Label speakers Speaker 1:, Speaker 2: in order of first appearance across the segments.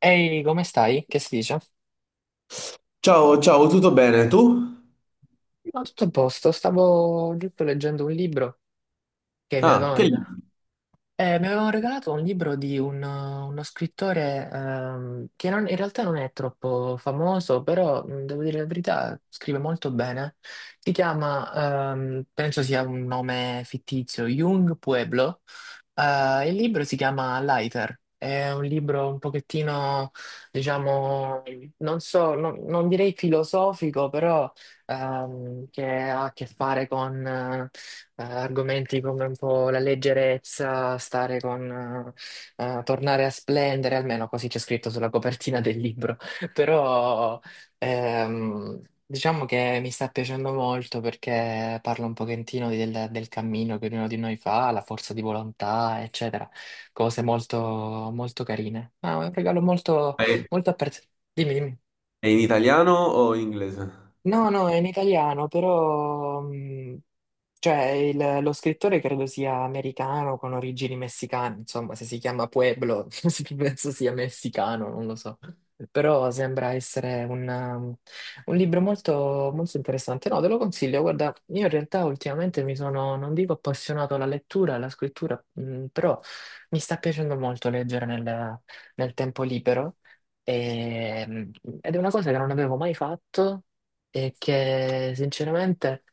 Speaker 1: Ehi, come stai? Che si dice?
Speaker 2: Ciao, ciao, tutto bene? Tu?
Speaker 1: No, tutto a posto. Stavo giusto leggendo un libro che mi
Speaker 2: Ah,
Speaker 1: avevano
Speaker 2: che libro?
Speaker 1: Mi avevano regalato un libro di uno scrittore che non- in realtà non è troppo famoso, però devo dire la verità, scrive molto bene. Si chiama, penso sia un nome fittizio, Jung Pueblo. Il libro si chiama Lighter. È un libro un pochettino, diciamo, non so, non direi filosofico, però che ha a che fare con argomenti come un po' la leggerezza, stare con, tornare a splendere, almeno così c'è scritto sulla copertina del libro. Però diciamo che mi sta piacendo molto perché parla un pochettino del cammino che ognuno di noi fa, la forza di volontà, eccetera. Cose molto, molto carine. Ah, è un regalo molto,
Speaker 2: È
Speaker 1: molto apprezzato. Dimmi, dimmi.
Speaker 2: è in italiano o in inglese?
Speaker 1: No, no, è in italiano, però cioè, lo scrittore credo sia americano con origini messicane, insomma, se si chiama Pueblo, penso sia messicano, non lo so. Però sembra essere un libro molto, molto interessante. No, te lo consiglio. Guarda, io in realtà ultimamente mi sono, non dico appassionato alla lettura, alla scrittura, però mi sta piacendo molto leggere nel tempo libero. E- ed è una cosa che non avevo mai fatto e che sinceramente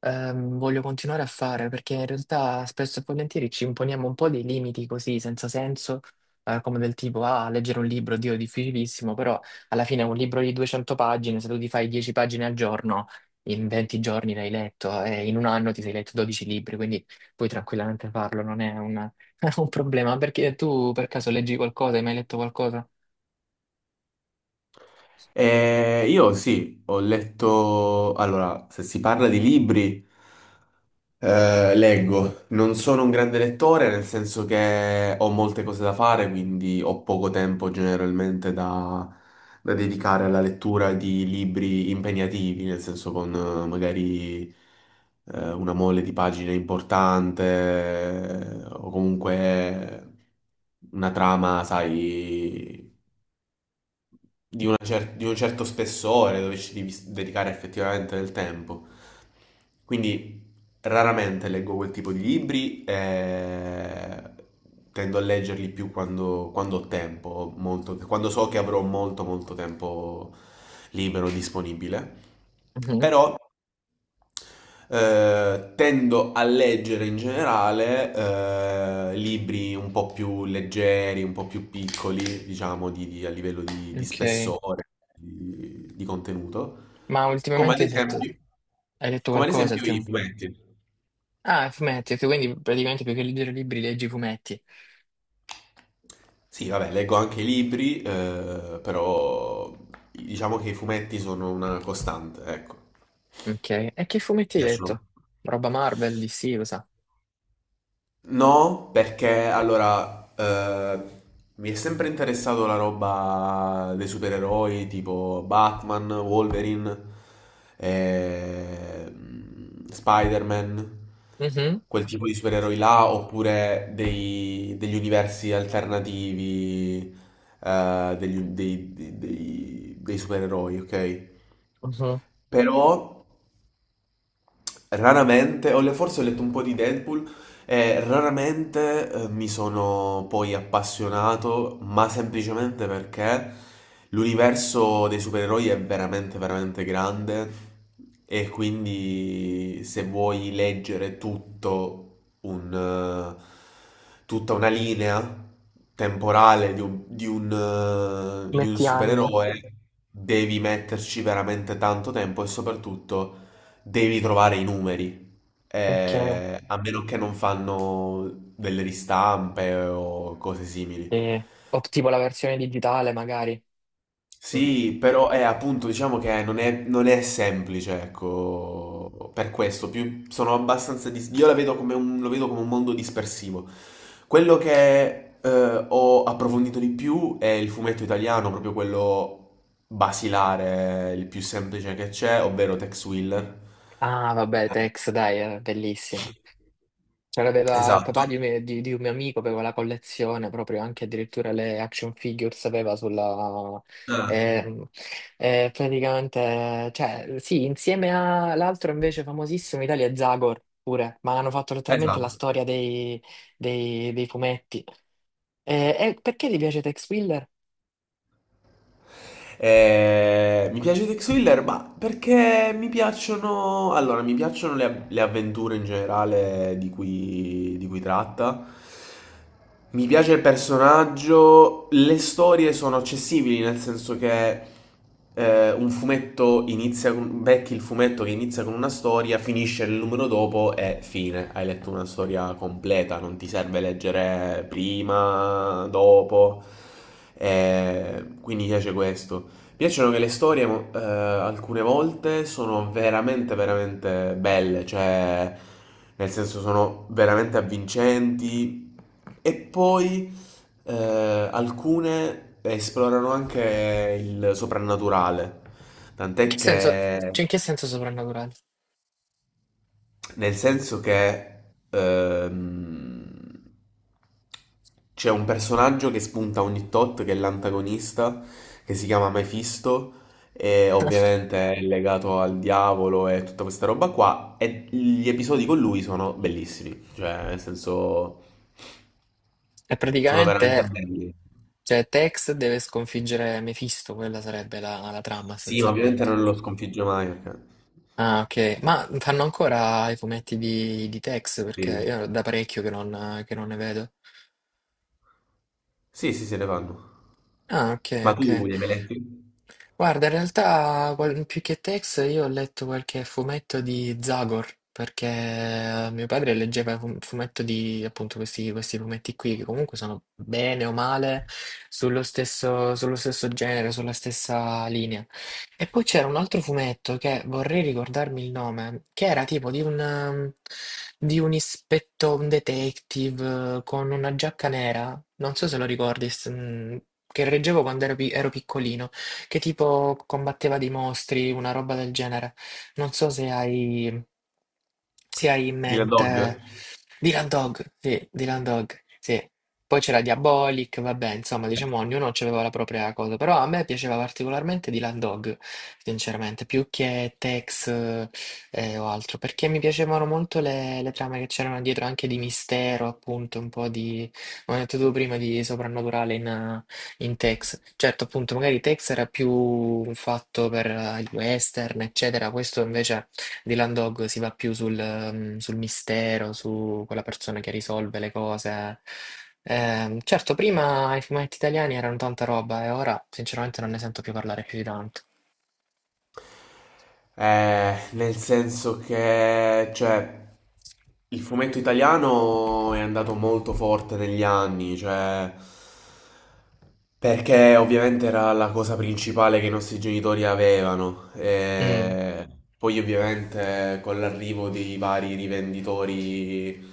Speaker 1: voglio continuare a fare perché in realtà spesso e volentieri ci imponiamo un po' dei limiti così senza senso, come del tipo ah, leggere un libro, Dio, è difficilissimo. Però alla fine un libro di 200 pagine, se tu ti fai 10 pagine al giorno, in 20 giorni l'hai letto e in un anno ti sei letto 12 libri, quindi puoi tranquillamente farlo, non è un, un problema. Perché tu per caso leggi qualcosa, hai mai letto qualcosa?
Speaker 2: Io sì, ho letto... Allora, se si parla di libri, eh, leggo, non sono un grande lettore nel senso che ho molte cose da fare, quindi ho poco tempo generalmente da, da dedicare alla lettura di libri impegnativi, nel senso con magari una mole di pagine importante o comunque una trama, sai, una cer- di un certo spessore dove ci devi s- dedicare effettivamente del tempo. Quindi raramente leggo quel tipo di libri e tendo a leggerli più quando, quando ho tempo, molto- quando so che avrò molto tempo libero disponibile.
Speaker 1: Mhm.
Speaker 2: Però tendo a leggere in generale libri un po' più leggeri, un po' più piccoli, diciamo, di- a livello di
Speaker 1: Ok,
Speaker 2: spessore, di contenuto,
Speaker 1: ma
Speaker 2: come ad
Speaker 1: ultimamente hai letto,
Speaker 2: esempio,
Speaker 1: hai letto
Speaker 2: come ad
Speaker 1: qualcosa?
Speaker 2: esempio i fumetti.
Speaker 1: Ah, fumetti, ok, quindi praticamente più che leggere libri leggi fumetti.
Speaker 2: Sì, vabbè, leggo anche i libri, però diciamo che i fumetti sono una costante, ecco,
Speaker 1: Ok, e che fumetti hai
Speaker 2: piacciono.
Speaker 1: letto? Roba Marvel, DC, cosa?
Speaker 2: No, perché allora mi è sempre interessato la roba dei supereroi tipo Batman, Wolverine, eh, Spider-Man,
Speaker 1: Mhm,
Speaker 2: quel tipo di supereroi là, oppure dei- degli universi alternativi degli- dei, dei- dei- dei supereroi, ok?
Speaker 1: mhm.
Speaker 2: Però raramente, ho le- forse ho letto un po' di Deadpool e raramente mi sono poi appassionato, ma semplicemente perché l'universo dei supereroi è veramente, veramente grande e quindi se vuoi leggere tutto un, tutta una linea temporale di un, di un, di un
Speaker 1: Fumetti anni,
Speaker 2: supereroe, devi metterci veramente tanto tempo e soprattutto... Devi trovare i numeri,
Speaker 1: ok.
Speaker 2: a meno che non fanno delle ristampe o cose simili.
Speaker 1: O tipo la versione digitale magari. Mm.
Speaker 2: Sì, però è appunto, diciamo che non è, non è semplice, ecco, per questo, più sono abbastanza, dis- io la vedo come un, lo vedo come un mondo dispersivo. Quello che ho approfondito di più è il fumetto italiano, proprio quello basilare, il più semplice che c'è, ovvero Tex Willer.
Speaker 1: Ah, vabbè, Tex, dai, è bellissimo. C'aveva il
Speaker 2: Esatto.
Speaker 1: papà di un mio amico, aveva la collezione proprio anche addirittura le action figures aveva sulla.
Speaker 2: Eh,
Speaker 1: ehm, praticamente, cioè, sì, insieme all'altro invece famosissimo in Italia è Zagor pure, ma hanno fatto letteralmente la
Speaker 2: esatto.
Speaker 1: storia dei fumetti. E perché ti piace Tex Willer?
Speaker 2: Mi piace Tex Willer, ma perché mi piacciono... Allora, mi piacciono le avventure in generale di cui tratta. Mi piace il personaggio, le storie sono accessibili, nel senso che un fumetto inizia con... becchi il fumetto che inizia con una storia, finisce nel numero dopo e fine. Hai letto una storia completa, non ti serve leggere prima, dopo. E quindi mi piace questo. Mi piacciono che le storie mo- alcune volte sono veramente, veramente belle, cioè nel senso sono veramente avvincenti e poi alcune esplorano anche il soprannaturale,
Speaker 1: In
Speaker 2: tant'è
Speaker 1: che senso,
Speaker 2: che...
Speaker 1: cioè, in che senso soprannaturale?
Speaker 2: Nel senso che ehm, c'è un personaggio che spunta ogni tot, che è l'antagonista, che si chiama Mephisto, e ovviamente è legato al diavolo e tutta questa roba qua, e gli episodi con lui sono bellissimi, cioè nel senso
Speaker 1: È
Speaker 2: sono veramente
Speaker 1: praticamente,
Speaker 2: belli.
Speaker 1: cioè, Tex deve sconfiggere Mephisto, quella sarebbe la trama
Speaker 2: Sì, ma ovviamente
Speaker 1: essenzialmente.
Speaker 2: non lo sconfigge mai, perché...
Speaker 1: Ah, ok. Ma fanno ancora i fumetti di Tex? Perché
Speaker 2: Sì,
Speaker 1: io da parecchio che non ne vedo.
Speaker 2: sì, sì, se ne fanno.
Speaker 1: Ah, ok,
Speaker 2: Ma tu
Speaker 1: ok.
Speaker 2: li hai mai letti?
Speaker 1: Guarda, in realtà più che Tex io ho letto qualche fumetto di Zagor, perché mio padre leggeva un fumetto di appunto questi fumetti qui, che comunque sono bene o male sullo stesso genere, sulla stessa linea. E poi c'era un altro fumetto che vorrei ricordarmi il nome, che era tipo di un ispetto, un detective con una giacca nera, non so se lo ricordi, che reggevo quando ero ero piccolino, che tipo combatteva dei mostri, una roba del genere. Non so se hai in
Speaker 2: Dylan Dog?
Speaker 1: mente Dylan Dog, sì, Dylan Dog, sì. Poi c'era Diabolic, vabbè, insomma, diciamo ognuno aveva la propria cosa, però a me piaceva particolarmente Dylan Dog, sinceramente, più che Tex o altro, perché mi piacevano molto le trame che c'erano dietro, anche di mistero, appunto, un po' di, come ho detto tu prima, di soprannaturale in Tex, certo, appunto, magari Tex era più fatto per il western, eccetera. Questo invece di Landog si va più sul mistero, su quella persona che risolve le cose. Certo, prima i fumetti italiani erano tanta roba e ora sinceramente non ne sento più parlare più di tanto.
Speaker 2: Nel senso che, cioè, il fumetto italiano è andato molto forte negli anni, cioè, perché ovviamente era la cosa principale che i nostri genitori avevano.
Speaker 1: Mm.
Speaker 2: E poi ovviamente con l'arrivo dei vari rivenditori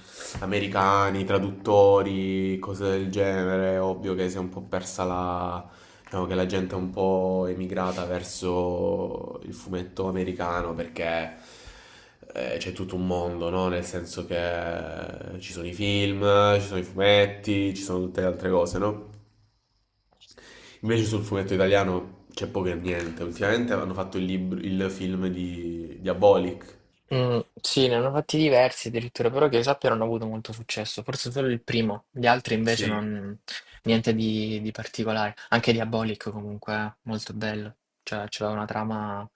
Speaker 2: americani, traduttori, cose del genere, è ovvio che si è un po' persa la... Diciamo che la gente è un po' emigrata verso il fumetto americano perché c'è tutto un mondo, no? Nel senso che ci sono i film, ci sono i fumetti, ci sono tutte le altre cose, no? Invece sul fumetto italiano c'è poco e niente. Ultimamente hanno fatto il, libro, il film di Diabolic.
Speaker 1: Mm, sì, ne hanno fatti diversi addirittura, però che io sappia non ha avuto molto successo, forse solo il primo, gli altri invece
Speaker 2: Sì.
Speaker 1: non, niente di particolare, anche Diabolic comunque, molto bello, cioè c'era una trama,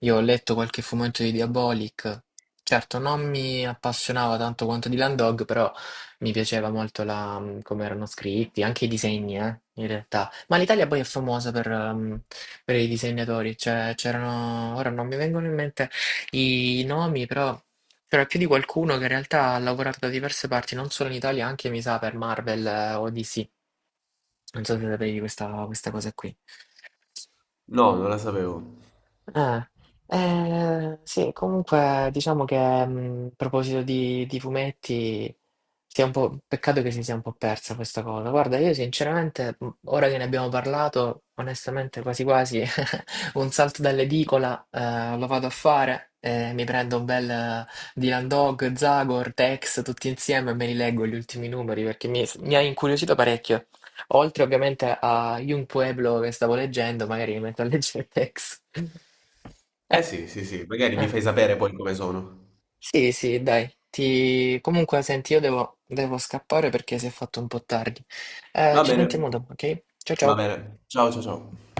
Speaker 1: io ho letto qualche fumetto di Diabolic, certo non mi appassionava tanto quanto di Land Dog, però mi piaceva molto come erano scritti, anche i disegni, in realtà, ma l'Italia poi è famosa per i disegnatori, cioè c'erano, ora non mi vengono in mente i nomi, però c'era più di qualcuno che in realtà ha lavorato da diverse parti, non solo in Italia, anche mi sa per Marvel o DC. Non so se sapevi questa cosa qui.
Speaker 2: No, non la sapevo.
Speaker 1: Eh, sì, comunque diciamo che a proposito di fumetti, sia un po', peccato che si sia un po' persa questa cosa. Guarda, io sinceramente, ora che ne abbiamo parlato, onestamente quasi quasi un salto dall'edicola lo vado a fare, mi prendo un bel Dylan Dog, Zagor, Tex, tutti insieme e me li leggo gli ultimi numeri perché mi ha incuriosito parecchio. Oltre ovviamente a Young Pueblo che stavo leggendo, magari mi metto a leggere Tex. Eh,
Speaker 2: Eh sì, sì, sì, magari mi
Speaker 1: eh,
Speaker 2: fai sapere poi come sono.
Speaker 1: Sì, sì, dai. Comunque, senti, io devo scappare perché si è fatto un po' tardi.
Speaker 2: Va
Speaker 1: Ci
Speaker 2: bene,
Speaker 1: sentiamo dopo, ok? Ciao
Speaker 2: va
Speaker 1: ciao.
Speaker 2: bene. Ciao, ciao, ciao.